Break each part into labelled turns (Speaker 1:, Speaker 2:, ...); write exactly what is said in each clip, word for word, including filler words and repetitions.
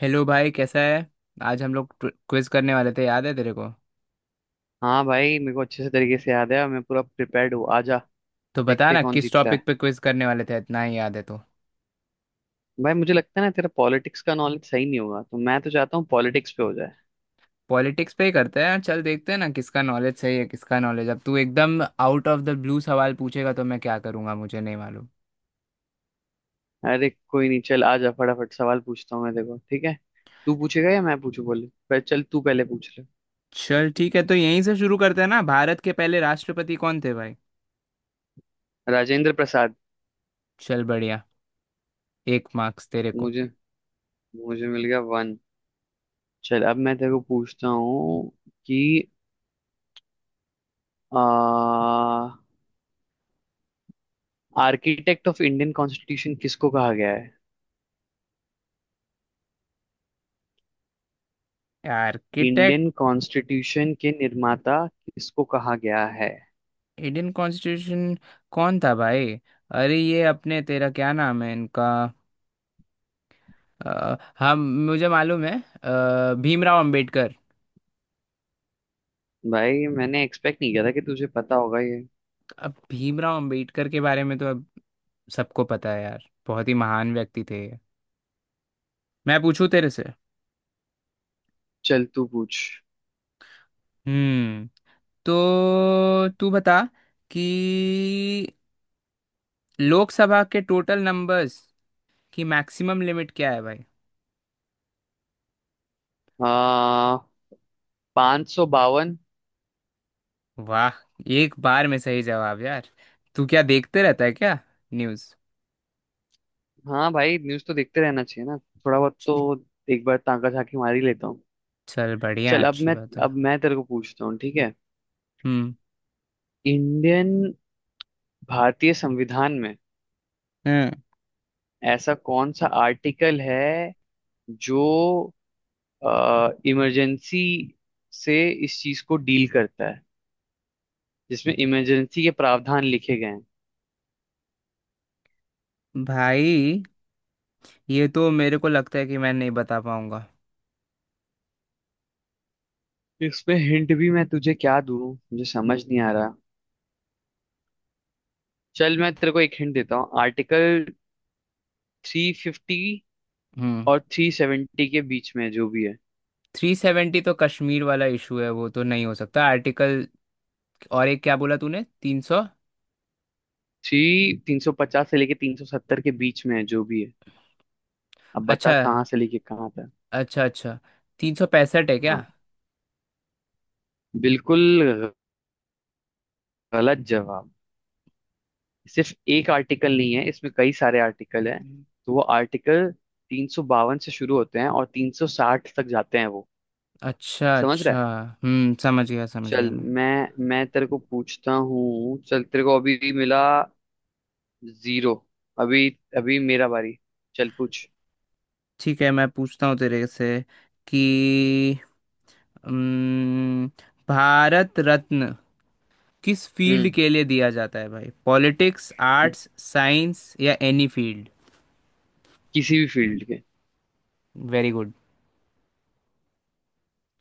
Speaker 1: Hello भाई, कैसा है। आज हम लोग क्विज करने वाले थे, याद है तेरे को।
Speaker 2: हाँ भाई मेरे को अच्छे से तरीके से याद है और मैं पूरा प्रिपेयर्ड हूँ, आजा
Speaker 1: तो बता
Speaker 2: देखते हैं
Speaker 1: ना,
Speaker 2: कौन
Speaker 1: किस
Speaker 2: जीतता
Speaker 1: टॉपिक
Speaker 2: है।
Speaker 1: पे क्विज करने वाले थे, इतना ही याद है तो।
Speaker 2: भाई मुझे लगता है ना तेरा पॉलिटिक्स का नॉलेज सही नहीं होगा, तो मैं तो चाहता हूँ पॉलिटिक्स पे हो जाए।
Speaker 1: पॉलिटिक्स पे ही करते हैं। चल देखते हैं ना किसका नॉलेज सही है, किसका नॉलेज। अब तू एकदम आउट ऑफ द ब्लू सवाल पूछेगा तो मैं क्या करूंगा, मुझे नहीं मालूम।
Speaker 2: अरे कोई नहीं, चल आजा फटाफट सवाल पूछता हूँ मैं, देखो ठीक है। तू पूछेगा या मैं पूछू बोले, पर चल तू पहले पूछ ले।
Speaker 1: चल ठीक है, तो यहीं से शुरू करते हैं ना। भारत के पहले राष्ट्रपति कौन थे भाई।
Speaker 2: राजेंद्र प्रसाद।
Speaker 1: चल बढ़िया। एक मार्क्स तेरे को।
Speaker 2: मुझे मुझे मिल गया वन। चल अब मैं तेरे को पूछता हूँ कि आर्किटेक्ट ऑफ इंडियन कॉन्स्टिट्यूशन किसको कहा गया है?
Speaker 1: आर्किटेक्ट।
Speaker 2: इंडियन कॉन्स्टिट्यूशन के निर्माता किसको कहा गया है?
Speaker 1: Indian constitution. कौन था भाई। अरे ये अपने, तेरा क्या नाम है इनका। अ, हाँ, मुझे मालूम है। अ, भीमराव अंबेडकर।
Speaker 2: भाई मैंने एक्सपेक्ट नहीं किया था कि तुझे पता होगा ये।
Speaker 1: अब भीमराव अंबेडकर के बारे में तो अब सबको पता है यार, बहुत ही महान व्यक्ति थे ये। मैं पूछूं तेरे से।
Speaker 2: चल तू पूछ।
Speaker 1: हम्म। तो तू बता कि लोकसभा के टोटल नंबर्स की मैक्सिमम लिमिट क्या है भाई।
Speaker 2: आ पांच सौ बावन।
Speaker 1: वाह। एक बार में सही जवाब यार। तू क्या देखते रहता है क्या, न्यूज़।
Speaker 2: हाँ भाई न्यूज तो देखते रहना चाहिए ना, थोड़ा बहुत तो एक बार ताका झाकी मार ही लेता हूँ।
Speaker 1: चल बढ़िया,
Speaker 2: चल अब
Speaker 1: अच्छी
Speaker 2: मैं
Speaker 1: बात है।
Speaker 2: अब मैं तेरे को पूछता हूँ ठीक है।
Speaker 1: हम्म।
Speaker 2: इंडियन भारतीय संविधान में
Speaker 1: हम्म।
Speaker 2: ऐसा कौन सा आर्टिकल है जो इमरजेंसी से, इस चीज को डील करता है, जिसमें इमरजेंसी के प्रावधान लिखे गए हैं?
Speaker 1: भाई ये तो मेरे को लगता है कि मैं नहीं बता पाऊंगा।
Speaker 2: इसमें हिंट भी मैं तुझे क्या दूं, मुझे समझ नहीं आ रहा। चल मैं तेरे को एक हिंट देता हूँ, आर्टिकल थ्री फिफ्टी
Speaker 1: हम्म।
Speaker 2: और थ्री सेवेंटी के बीच में है जो भी है।
Speaker 1: थ्री सेवेंटी तो कश्मीर वाला इशू है, वो तो नहीं हो सकता आर्टिकल। और एक क्या बोला तूने, तीन सौ।
Speaker 2: थ्री तीन सौ पचास से लेके तीन सौ सत्तर के बीच में है जो भी है, अब बता
Speaker 1: अच्छा।
Speaker 2: कहाँ से लेके कहाँ तक।
Speaker 1: अच्छा अच्छा। तीन सौ पैंसठ है क्या।
Speaker 2: हाँ, बिल्कुल गलत जवाब। सिर्फ एक आर्टिकल नहीं है, इसमें कई सारे आर्टिकल हैं,
Speaker 1: हम्म।
Speaker 2: तो वो आर्टिकल तीन सौ बावन से शुरू होते हैं और तीन सौ साठ तक जाते हैं वो।
Speaker 1: अच्छा
Speaker 2: समझ रहा
Speaker 1: अच्छा।
Speaker 2: है?
Speaker 1: हम्म समझ गया, समझ गया
Speaker 2: चल
Speaker 1: मैं।
Speaker 2: मैं मैं तेरे को पूछता हूँ, चल तेरे को अभी मिला जीरो। अभी अभी मेरा बारी। चल पूछ।
Speaker 1: ठीक है, मैं पूछता हूँ तेरे से कि हम्म, भारत रत्न किस फील्ड
Speaker 2: हम्म।
Speaker 1: के लिए दिया जाता है भाई, पॉलिटिक्स, आर्ट्स, साइंस या एनी फील्ड।
Speaker 2: किसी भी फील्ड के।
Speaker 1: Very good.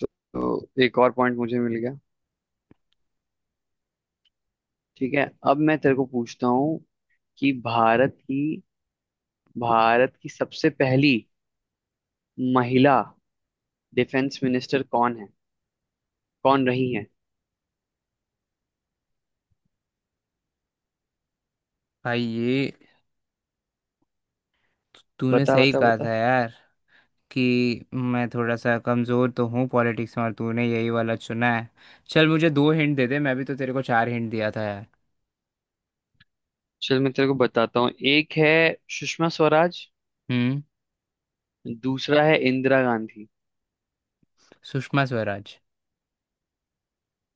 Speaker 2: तो, तो एक और पॉइंट मुझे मिल गया। ठीक है, अब मैं तेरे को पूछता हूँ कि भारत की भारत की सबसे पहली महिला डिफेंस मिनिस्टर कौन है कौन रही है?
Speaker 1: भाई ये तूने
Speaker 2: बता
Speaker 1: सही
Speaker 2: बता
Speaker 1: कहा
Speaker 2: बता।
Speaker 1: था यार, कि मैं थोड़ा सा कमज़ोर तो हूँ पॉलिटिक्स में और तूने यही वाला चुना है। चल मुझे दो हिंट दे दे, मैं भी तो तेरे को चार हिंट दिया था यार।
Speaker 2: चल मैं तेरे को बताता हूँ, एक है सुषमा स्वराज,
Speaker 1: हम्म।
Speaker 2: दूसरा है इंदिरा गांधी।
Speaker 1: सुषमा स्वराज।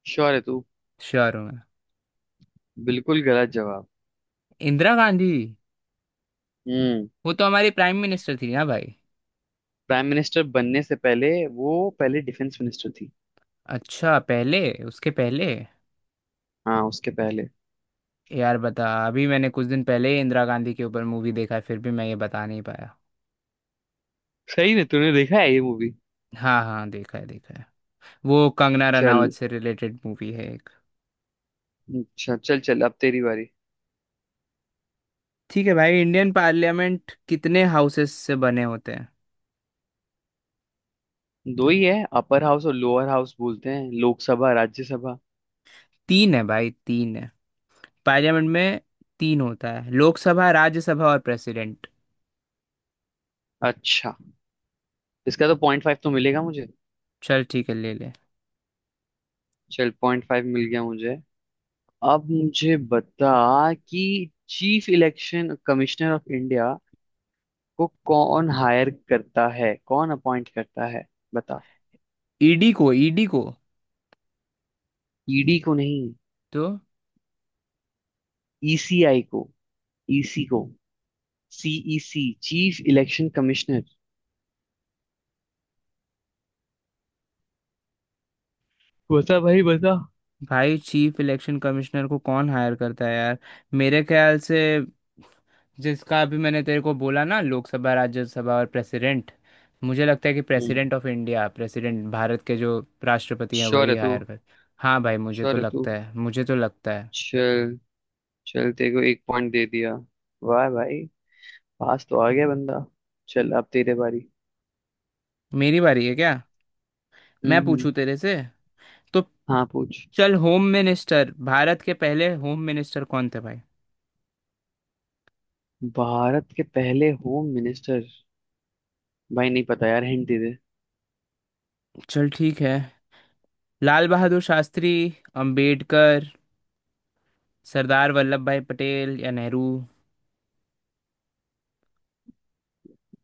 Speaker 2: श्योर है तू?
Speaker 1: श्योर हूँ मैं।
Speaker 2: बिल्कुल गलत जवाब।
Speaker 1: इंदिरा गांधी।
Speaker 2: हम्म।
Speaker 1: वो तो हमारी प्राइम मिनिस्टर थी ना भाई।
Speaker 2: प्राइम मिनिस्टर बनने से पहले वो पहले डिफेंस मिनिस्टर थी।
Speaker 1: अच्छा पहले, उसके पहले।
Speaker 2: हाँ, उसके पहले।
Speaker 1: यार बता, अभी मैंने कुछ दिन पहले ही इंदिरा गांधी के ऊपर मूवी देखा है, फिर भी मैं ये बता नहीं पाया।
Speaker 2: सही है, तूने देखा है ये मूवी।
Speaker 1: हाँ हाँ, देखा है देखा है। वो कंगना
Speaker 2: चल
Speaker 1: रनावत से रिलेटेड मूवी है एक।
Speaker 2: अच्छा, चल चल अब तेरी बारी।
Speaker 1: ठीक है भाई, इंडियन पार्लियामेंट कितने हाउसेस से बने होते हैं।
Speaker 2: दो ही है, अपर हाउस और लोअर हाउस बोलते हैं, लोकसभा राज्यसभा।
Speaker 1: तीन है भाई, तीन है पार्लियामेंट में। तीन होता है, लोकसभा, राज्यसभा और प्रेसिडेंट।
Speaker 2: अच्छा, इसका तो पॉइंट फाइव तो मिलेगा मुझे।
Speaker 1: चल ठीक है, ले ले।
Speaker 2: चल पॉइंट फाइव मिल गया मुझे। अब मुझे बता कि chief election commissioner of India को कौन हायर करता है, कौन अपॉइंट करता है, बता।
Speaker 1: ई डी को, ई डी को।
Speaker 2: ईडी को नहीं।
Speaker 1: तो
Speaker 2: ईसीआई को, ईसी को, सीईसी, चीफ इलेक्शन कमिश्नर, बता भाई बता।
Speaker 1: भाई, चीफ इलेक्शन कमिश्नर को कौन हायर करता है यार। मेरे ख्याल से, जिसका भी मैंने तेरे को बोला ना, लोकसभा, राज्यसभा और प्रेसिडेंट। मुझे लगता है कि
Speaker 2: हम्म।
Speaker 1: President of India, president, Bharat के जो राष्ट्रपति हैं
Speaker 2: श्योर
Speaker 1: वही
Speaker 2: है तू?
Speaker 1: हायर कर। हाँ भाई, मुझे तो
Speaker 2: श्योर है तू?
Speaker 1: लगता है, मुझे तो लगता है।
Speaker 2: चल, चल तेरे को एक पॉइंट दे दिया। वाह भाई, पास तो आ गया बंदा। चल अब तेरे बारी।
Speaker 1: मेरी बारी है क्या।
Speaker 2: हम्म,
Speaker 1: मैं
Speaker 2: हम्म।
Speaker 1: पूछूं तेरे से तो।
Speaker 2: हाँ पूछ।
Speaker 1: चल, होम मिनिस्टर, भारत के पहले होम मिनिस्टर कौन थे भाई।
Speaker 2: भारत के पहले होम मिनिस्टर। भाई नहीं पता यार, हिंट दे दे।
Speaker 1: चल ठीक है। लाल बहादुर शास्त्री, अंबेडकर, सरदार वल्लभ भाई पटेल या नेहरू।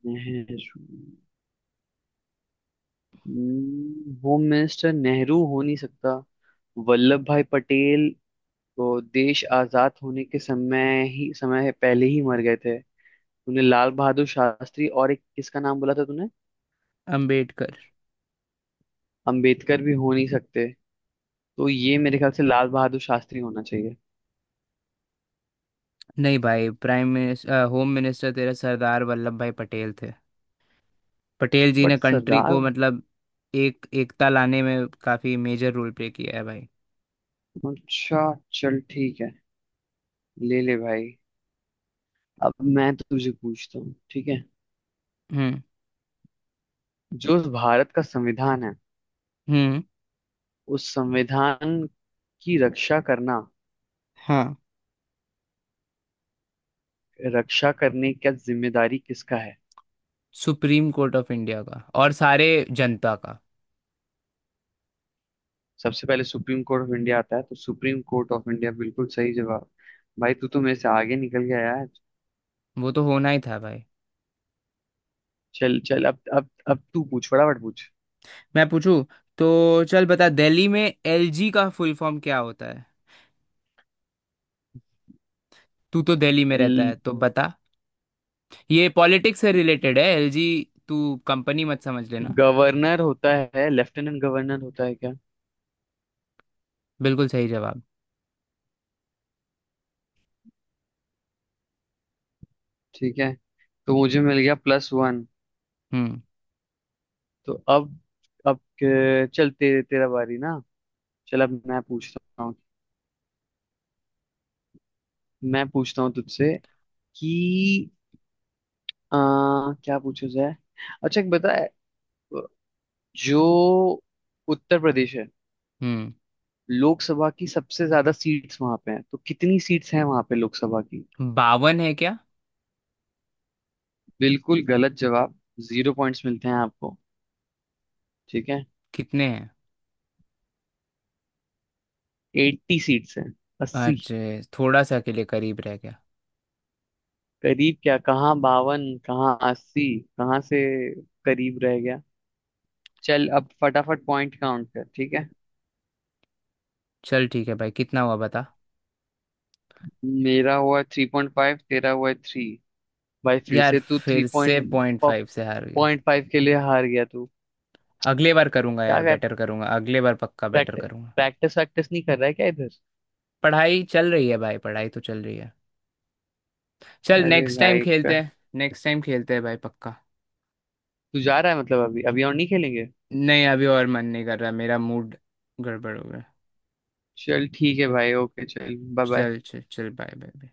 Speaker 2: नेहरू। हम्म, होम मिनिस्टर नेहरू हो नहीं सकता। वल्लभ भाई पटेल तो देश आजाद होने के समय ही समय पहले ही मर गए थे। तूने लाल बहादुर शास्त्री और एक किसका नाम बोला था तूने?
Speaker 1: अंबेडकर।
Speaker 2: अंबेडकर भी हो नहीं सकते। तो ये मेरे ख्याल से लाल बहादुर शास्त्री होना चाहिए।
Speaker 1: नहीं भाई, प्राइम मिनिस्टर, होम मिनिस्टर तेरा सरदार वल्लभ भाई पटेल थे। पटेल जी ने
Speaker 2: बट
Speaker 1: कंट्री
Speaker 2: सरदार।
Speaker 1: को मतलब एक एकता लाने में काफी मेजर रोल प्ले किया है भाई।
Speaker 2: अच्छा चल ठीक है, ले ले भाई। अब मैं तुझे पूछता हूँ ठीक है।
Speaker 1: हम्म।
Speaker 2: जो भारत का संविधान है,
Speaker 1: हम्म।
Speaker 2: उस संविधान की रक्षा करना
Speaker 1: हाँ।
Speaker 2: रक्षा करने का जिम्मेदारी किसका है?
Speaker 1: सुप्रीम कोर्ट ऑफ इंडिया का और सारे, जनता का।
Speaker 2: सबसे पहले सुप्रीम कोर्ट ऑफ इंडिया आता है, तो सुप्रीम कोर्ट ऑफ इंडिया, बिल्कुल सही जवाब। भाई तू तो मेरे से आगे निकल गया यार।
Speaker 1: वो तो होना ही था भाई।
Speaker 2: चल चल अब अब अब तू पूछ, फटाफट पूछ।
Speaker 1: मैं पूछूं तो। चल बता, दिल्ली में एल जी का फुल फॉर्म क्या होता है। तू तो दिल्ली में रहता है तो बता। ये पॉलिटिक्स से रिलेटेड है, एल जी। तू कंपनी मत समझ लेना।
Speaker 2: गवर्नर होता है, लेफ्टिनेंट गवर्नर होता है क्या?
Speaker 1: बिल्कुल सही जवाब।
Speaker 2: ठीक है, तो मुझे मिल गया प्लस वन।
Speaker 1: हम्म।
Speaker 2: तो अब अब के- चल तेरे तेरा बारी ना। चल अब मैं पूछता हूँ, मैं पूछता हूँ तुझसे कि आ, क्या पूछा जाए। अच्छा एक बता, जो उत्तर प्रदेश है,
Speaker 1: हम्म।
Speaker 2: लोकसभा की सबसे ज्यादा सीट्स वहां पे हैं, तो कितनी सीट्स हैं वहां पे लोकसभा की?
Speaker 1: बावन है क्या।
Speaker 2: बिल्कुल गलत जवाब। जीरो पॉइंट्स मिलते हैं आपको। ठीक है।
Speaker 1: कितने हैं।
Speaker 2: एट्टी सीट्स हैं, अस्सी।
Speaker 1: अच्छे, थोड़ा सा के लिए करीब रह गया।
Speaker 2: करीब क्या, कहाँ बावन कहाँ अस्सी, कहाँ से करीब रह गया। चल अब फटाफट पॉइंट काउंट कर, ठीक है।
Speaker 1: चल ठीक है भाई, कितना हुआ बता।
Speaker 2: मेरा हुआ थ्री पॉइंट फाइव, तेरा हुआ थ्री। भाई फिर
Speaker 1: यार,
Speaker 2: से तू थ्री
Speaker 1: फिर से
Speaker 2: पॉइंट
Speaker 1: पॉइंट फाइव से हार गया।
Speaker 2: पॉइंट फाइव के लिए हार गया तू।
Speaker 1: अगले बार करूंगा
Speaker 2: क्या
Speaker 1: यार,
Speaker 2: कर,
Speaker 1: बेटर करूंगा, अगले बार पक्का बेटर
Speaker 2: प्रैक्टिस
Speaker 1: करूंगा।
Speaker 2: प्रैक्टिस वैक्टिस नहीं कर रहा है क्या इधर?
Speaker 1: पढ़ाई चल रही है भाई, पढ़ाई तो चल रही है। चल
Speaker 2: अरे
Speaker 1: नेक्स्ट टाइम
Speaker 2: भाई,
Speaker 1: खेलते हैं, नेक्स्ट टाइम खेलते हैं भाई, पक्का।
Speaker 2: तू जा रहा है मतलब? अभी अभी और नहीं खेलेंगे?
Speaker 1: नहीं, अभी और मन नहीं कर रहा, मेरा मूड गड़बड़ हो गया।
Speaker 2: चल ठीक है भाई, ओके, चल बाय बाय।
Speaker 1: चल चल चल बाय बाय बाय।